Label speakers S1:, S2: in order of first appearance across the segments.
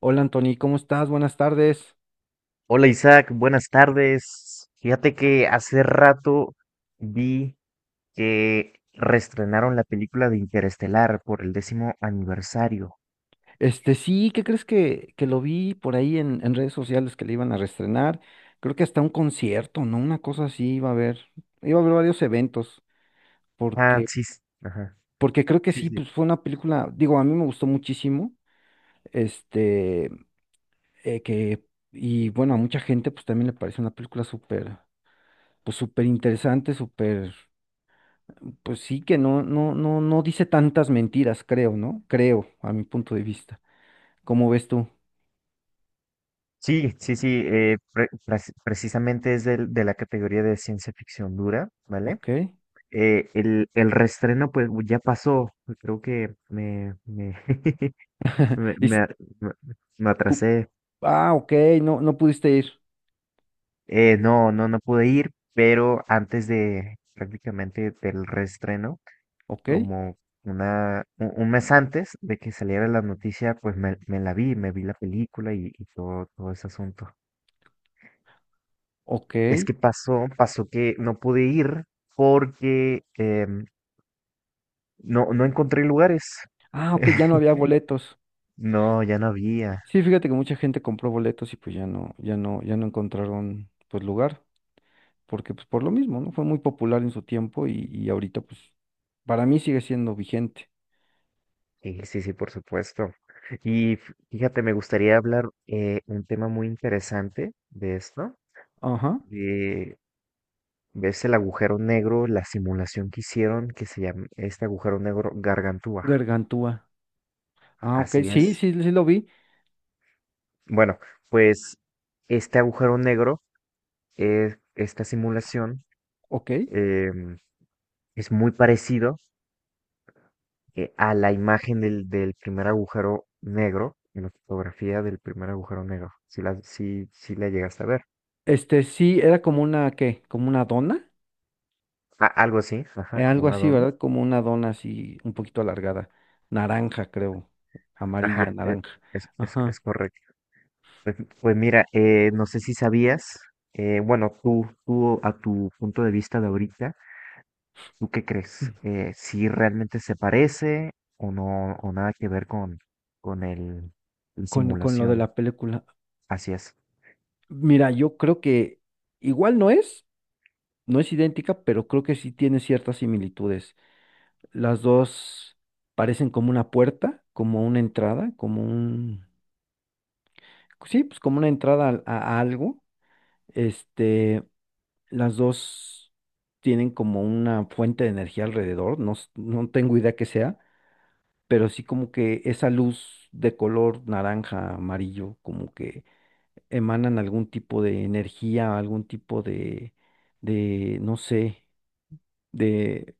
S1: Hola Anthony, ¿cómo estás? Buenas tardes.
S2: Hola Isaac, buenas tardes. Fíjate que hace rato vi que reestrenaron la película de Interestelar por el décimo aniversario.
S1: Este, sí, ¿qué crees que lo vi por ahí en redes sociales que le iban a reestrenar? Creo que hasta un concierto, ¿no? Una cosa así iba a haber. Iba a haber varios eventos,
S2: Ah,
S1: porque,
S2: sí, ajá,
S1: porque creo que
S2: sí,
S1: sí,
S2: sí.
S1: pues fue una película, digo, a mí me gustó muchísimo, este, eh, que, y bueno, a mucha gente pues también le parece una película súper, pues súper interesante, súper, pues sí que no, no, no, no dice tantas mentiras, creo, ¿no? Creo, a mi punto de vista. ¿Cómo ves tú?
S2: Sí, sí, sí, precisamente es de la categoría de ciencia ficción dura, ¿vale?
S1: Ok.
S2: El reestreno pues ya pasó, creo que me,
S1: Y
S2: me
S1: s-
S2: a- me- me
S1: pu-
S2: atrasé.
S1: ah, ok, no, no pudiste ir.
S2: No, no pude ir, pero antes de prácticamente del reestreno,
S1: Ok,
S2: como un mes antes de que saliera la noticia, pues me la vi, me vi la película y, todo ese asunto.
S1: ok.
S2: Es que pasó que no pude ir porque no, no encontré lugares.
S1: Ah, ok, ya no había boletos.
S2: No, ya no había.
S1: Sí, fíjate que mucha gente compró boletos y pues ya no, ya no, ya no encontraron pues lugar, porque pues por lo mismo, ¿no? Fue muy popular en su tiempo y ahorita pues para mí sigue siendo vigente.
S2: Sí, sí, sí, por supuesto. Y fíjate, me gustaría hablar un tema muy interesante de esto.
S1: Ajá.
S2: ¿Ves el agujero negro, la simulación que hicieron que se llama este agujero negro Gargantúa?
S1: Gargantúa. Ah, ok,
S2: Así
S1: sí,
S2: es.
S1: sí, sí lo vi.
S2: Bueno, pues este agujero negro, esta simulación,
S1: Ok.
S2: eh, es muy parecido a la imagen del primer agujero negro, en la fotografía del primer agujero negro. Si la llegaste a ver.
S1: Este, sí, era como una, ¿qué? Como una dona.
S2: A- algo así,
S1: Eh,
S2: ajá, como
S1: algo
S2: una
S1: así,
S2: dona.
S1: ¿verdad? Como una dona así, un poquito alargada. Naranja, creo. Amarilla,
S2: Ajá,
S1: naranja. Ajá.
S2: es correcto. Pues, pues mira, no sé si sabías, bueno, tú a tu punto de vista de ahorita, ¿tú qué crees? ¿Si realmente se parece o no, o nada que ver con, con el, el
S1: Con lo de
S2: simulación?
S1: la película.
S2: Así es.
S1: Mira, yo creo que igual no es idéntica, pero creo que sí tiene ciertas similitudes. Las dos parecen como una puerta, como una entrada, como un. Sí, pues como una entrada a algo. Este, las dos tienen como una fuente de energía alrededor, no, no tengo idea qué sea pero sí como que esa luz de color naranja, amarillo, como que emanan algún tipo de energía, algún tipo de, no sé, de,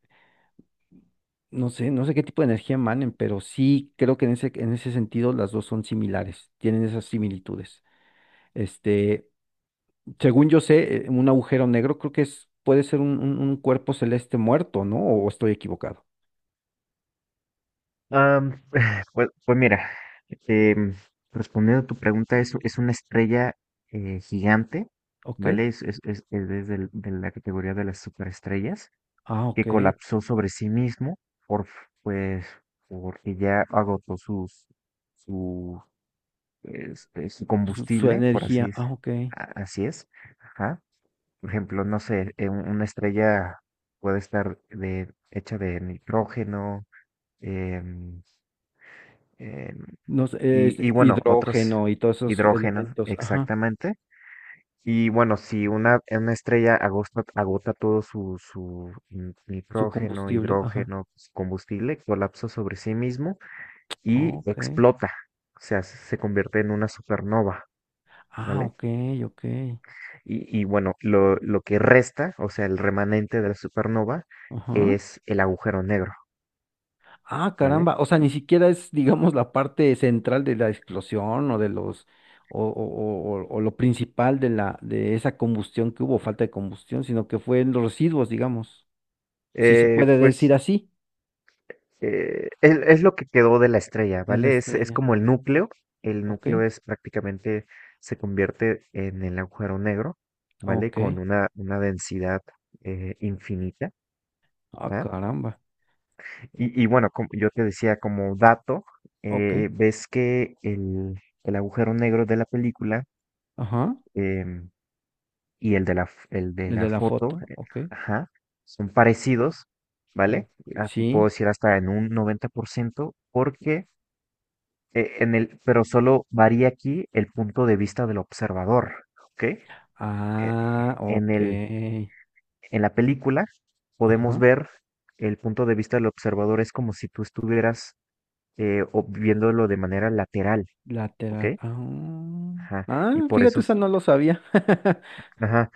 S1: no sé, no sé qué tipo de energía emanen, pero sí creo que en ese sentido las dos son similares, tienen esas similitudes. Este, según yo sé, un agujero negro creo que es, puede ser un cuerpo celeste muerto, ¿no? ¿O estoy equivocado?
S2: Am, pues, pues mira, em, respondiendo a tu pregunta, es una estrella gigante,
S1: Ok.
S2: ¿vale? Es desde de la categoría de las superestrellas,
S1: Ah,
S2: que
S1: ok.
S2: colapsó sobre sí mismo por, pues, porque ya agotó su, su
S1: Pues su
S2: combustible, por así
S1: energía.
S2: es.
S1: Ah, ok.
S2: Así es. Ajá. Por ejemplo, no sé, una estrella puede estar de, hecha de nitrógeno, em, em,
S1: No sé, es
S2: y bueno, otros
S1: hidrógeno y todos esos
S2: hidrógenos,
S1: elementos, ajá,
S2: exactamente. Y bueno, si una estrella agota todo
S1: su
S2: nitrógeno,
S1: combustible, ajá.
S2: hidrógeno, su combustible, colapsa sobre sí mismo y
S1: Ok.
S2: explota. O sea, se convierte en una supernova,
S1: Ah,
S2: ¿vale?
S1: ok, ok.
S2: Y bueno, lo que resta, o sea, el remanente de la supernova
S1: Ajá.
S2: es el agujero negro,
S1: Ah,
S2: ¿vale?
S1: caramba. O sea, ni siquiera es, digamos, la parte central de la explosión o de los, o lo principal de esa combustión que hubo, falta de combustión, sino que fue en los residuos, digamos, si se puede decir
S2: Pues
S1: así,
S2: es lo que quedó de la estrella,
S1: de la
S2: ¿vale? Es
S1: estrella.
S2: como el núcleo. El
S1: Ok,
S2: núcleo es prácticamente, se convierte en el agujero negro, ¿vale?
S1: ok.
S2: Con una densidad infinita.
S1: Ah,
S2: ¿Ah?
S1: caramba.
S2: Y bueno, como yo te decía como dato,
S1: Ok.
S2: ves que el agujero negro de la película
S1: Ajá.
S2: em, y el de la, el de
S1: El de
S2: la
S1: la
S2: foto,
S1: foto, ok.
S2: ajá, son parecidos,
S1: Ok,
S2: ¿vale? Ah, te puedo
S1: sí.
S2: decir hasta en un 90% porque pero solo varía aquí el punto de vista del observador, ¿ok?
S1: Ah,
S2: En
S1: ok.
S2: el, en la película podemos
S1: Ajá.
S2: ver el punto de vista del observador es como si tú estuvieras viéndolo de manera lateral, ¿ok?
S1: Lateral. Ah,
S2: Ajá, y
S1: ah,
S2: por
S1: fíjate,
S2: eso,
S1: esa no lo sabía.
S2: ajá,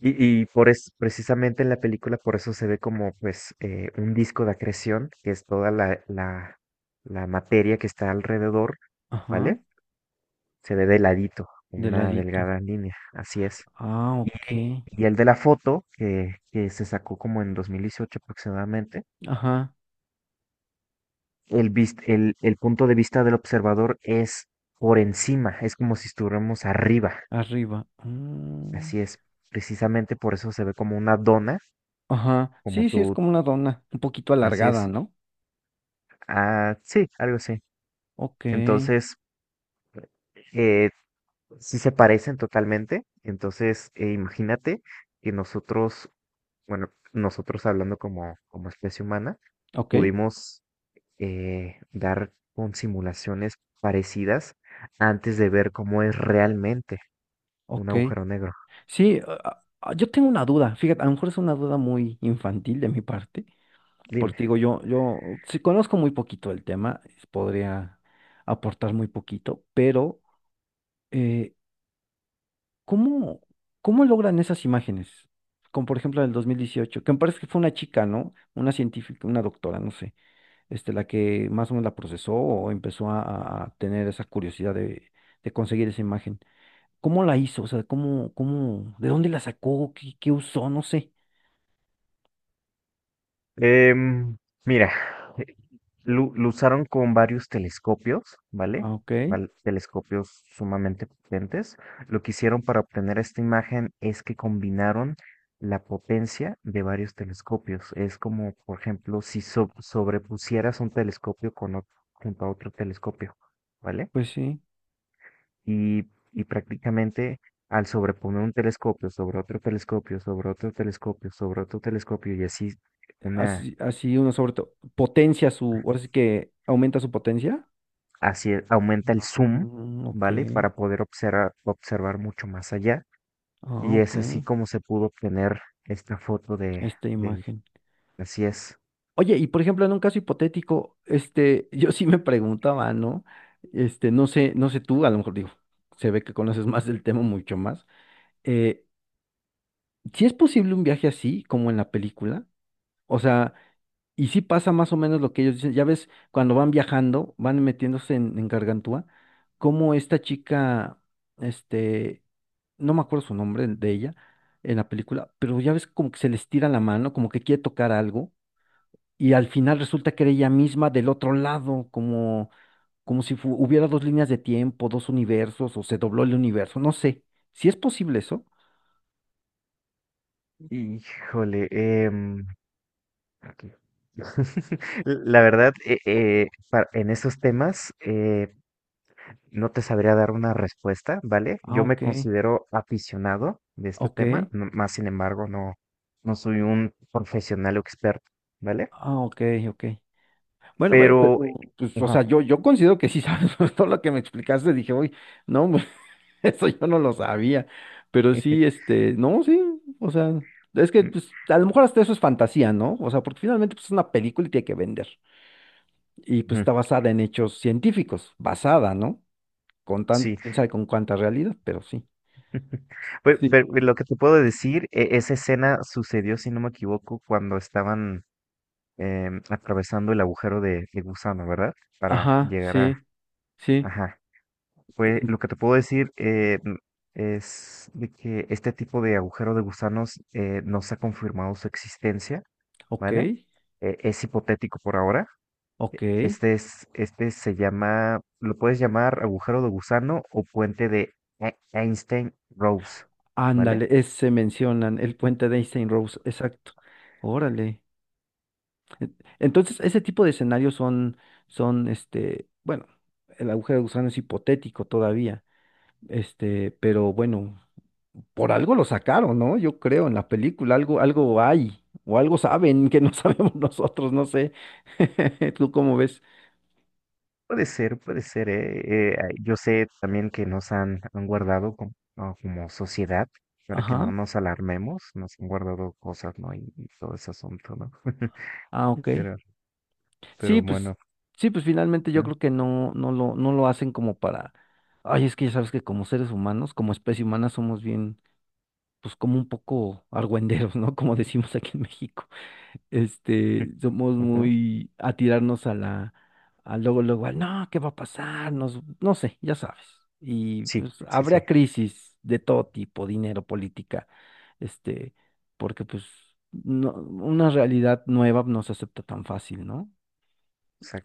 S2: y, precisamente en la película por eso se ve como pues un disco de acreción, que es toda la materia que está alrededor,
S1: Ajá.
S2: ¿vale? Se ve de ladito,
S1: De
S2: una
S1: ladito.
S2: delgada línea, así es.
S1: Ah, ok.
S2: Y el de la foto, que se sacó como en 2018 aproximadamente,
S1: Ajá.
S2: el punto de vista del observador es por encima, es como si estuviéramos arriba.
S1: Arriba. Mm,
S2: Así es, precisamente por eso se ve como una dona,
S1: ajá.
S2: como
S1: Sí, sí, es
S2: tú,
S1: como una dona. Un poquito
S2: así
S1: alargada,
S2: es.
S1: ¿no?
S2: Ah, sí, algo así.
S1: Ok.
S2: Entonces, eh, sí se parecen totalmente. Entonces, imagínate que nosotros, bueno, nosotros hablando como especie humana,
S1: Ok.
S2: pudimos dar con simulaciones parecidas antes de ver cómo es realmente un
S1: Ok.
S2: agujero negro.
S1: Sí, yo tengo una duda. Fíjate, a lo mejor es una duda muy infantil de mi parte.
S2: Dime.
S1: Porque digo, yo, si conozco muy poquito el tema, podría aportar muy poquito, pero eh, ¿cómo, cómo logran esas imágenes? Como por ejemplo del 2018 que me parece que fue una chica, ¿no? Una científica, una doctora, no sé, este, la que más o menos la procesó o empezó a tener esa curiosidad de conseguir esa imagen. ¿Cómo la hizo? O sea, ¿de dónde la sacó? ¿Qué usó? No sé.
S2: Em, mira, eh, lo usaron con varios telescopios, ¿vale?
S1: Ah, ok,
S2: Telescopios sumamente potentes. Lo que hicieron para obtener esta imagen es que combinaron la potencia de varios telescopios. Es como, por ejemplo, si sobrepusieras un telescopio con junto a otro telescopio, ¿vale?
S1: pues sí.
S2: Y, y prácticamente al sobreponer un telescopio sobre otro telescopio, sobre otro telescopio, sobre otro telescopio y así una,
S1: Así, así uno sobre todo potencia su, ahora sí que aumenta su potencia.
S2: así aumenta el
S1: Ah,
S2: zoom,
S1: ok.
S2: ¿vale? Para poder observar mucho más allá.
S1: Ah,
S2: Y
S1: ok.
S2: es así como se pudo obtener esta foto
S1: Esta
S2: del,
S1: imagen.
S2: así es.
S1: Oye, y por ejemplo, en un caso hipotético, este, yo sí me preguntaba, ¿no? Este, no sé, no sé tú, a lo mejor digo, se ve que conoces más del tema, mucho más. Eh, ¿sí es posible un viaje así, como en la película? O sea, y sí pasa más o menos lo que ellos dicen. Ya ves, cuando van viajando, van metiéndose en Gargantúa, como esta chica, este, no me acuerdo su nombre de ella en la película, pero ya ves como que se les tira la mano, como que quiere tocar algo y al final resulta que era ella misma del otro lado, como si hubiera dos líneas de tiempo, dos universos, o se dobló el universo, no sé. ¿Si es posible eso?
S2: Híjole, aquí. La verdad, en esos temas, no te sabría dar una respuesta, ¿vale?
S1: Ah,
S2: Yo me
S1: ok,
S2: considero aficionado de este
S1: ok,
S2: tema, no, más sin embargo, no, no soy un profesional o experto, ¿vale?
S1: ah, ok, ok. Bueno, pero,
S2: Pero,
S1: pues, o
S2: ajá,
S1: sea, yo considero que sí sabes todo lo que me explicaste, dije, uy, no, pues, eso yo no lo sabía, pero sí, este, no, sí, o sea, es que, pues, a lo mejor hasta eso es fantasía, ¿no? O sea, porque finalmente, pues, es una película y tiene que vender y pues
S2: ujú,
S1: está basada en hechos científicos, basada, ¿no? Con tan,
S2: sí.
S1: quién sabe con cuánta realidad, pero sí.
S2: Pues,
S1: Sí.
S2: pero lo que te puedo decir, esa escena sucedió, si no me equivoco, cuando estaban atravesando el agujero de gusano, ¿verdad? Para
S1: Ajá,
S2: llegar a,
S1: sí, sí.
S2: ajá. Pues
S1: Eh,
S2: lo que te puedo decir es de que este tipo de agujero de gusanos no se ha confirmado su existencia,
S1: ok,
S2: ¿vale? Es hipotético por ahora.
S1: ok.
S2: Este es, este se llama, lo puedes llamar agujero de gusano o puente de Einstein-Rose, ¿vale?
S1: Ándale, ese mencionan, el puente de Einstein-Rose, exacto. Órale. Eh, Entonces, ese tipo de escenarios son, este, bueno, el agujero de gusano es hipotético todavía, este, pero bueno, por algo lo sacaron, ¿no? Yo creo, en la película, algo hay, o algo saben que no sabemos nosotros, no sé. ¿Tú cómo ves?
S2: Puede ser, puede ser. Eh, ah, yo sé también que han guardado no, como sociedad para que no
S1: Ajá.
S2: nos alarmemos, nos han guardado cosas, ¿no? Y todo ese asunto, ¿no?
S1: Ah, ok.
S2: Pero,
S1: Sí,
S2: pero
S1: pues,
S2: bueno,
S1: sí, pues finalmente yo
S2: ¿eh?
S1: creo que no, no lo hacen como para. Ay, es que ya sabes que como seres humanos, como especie humana, somos bien, pues como un poco argüenderos, ¿no? Como decimos aquí en México. Este, somos
S2: Ujú.
S1: muy a tirarnos a la, a luego, luego, al, no, ¿qué va a pasar? No sé, ya sabes. Y
S2: Sí,
S1: pues
S2: sí, sí,
S1: habría crisis de todo tipo, dinero, política, este, porque pues no, una realidad nueva no se acepta tan fácil, ¿no?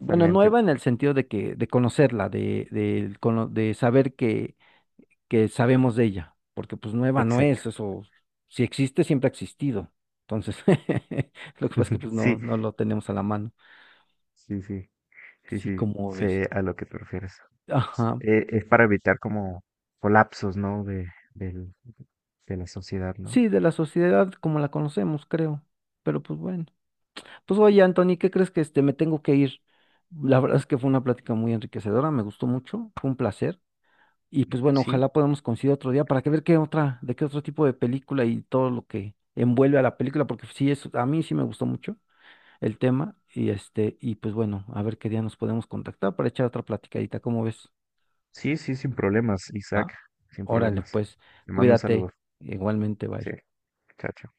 S1: Bueno, nueva en el sentido de conocerla, de saber que sabemos de ella, porque pues nueva no
S2: exacto.
S1: es, eso, si existe, siempre ha existido. Entonces, lo que pasa es que pues no,
S2: Sí,
S1: no lo tenemos a la mano.
S2: sí, sí, sí,
S1: Sí,
S2: sí,
S1: como ves.
S2: sé a lo que te refieres.
S1: Ajá.
S2: Es para evitar como colapsos, ¿no? De, del- de la sociedad, ¿no?
S1: Sí, de la sociedad como la conocemos, creo. Pero pues bueno. Pues oye, Anthony, ¿qué crees que este me tengo que ir? La verdad es que fue una plática muy enriquecedora, me gustó mucho, fue un placer. Y pues bueno,
S2: Sí,
S1: ojalá podamos coincidir otro día para que ver qué otra, de qué otro tipo de película y todo lo que envuelve a la película, porque sí es, a mí sí me gustó mucho el tema y este, y pues bueno, a ver qué día nos podemos contactar para echar otra platicadita, ¿cómo ves?
S2: sí, sí, sin problemas, Isaac,
S1: ¿Va?
S2: sin
S1: Órale,
S2: problemas.
S1: pues,
S2: Te mando un
S1: cuídate,
S2: saludo.
S1: igualmente,
S2: Sí,
S1: bye.
S2: chao.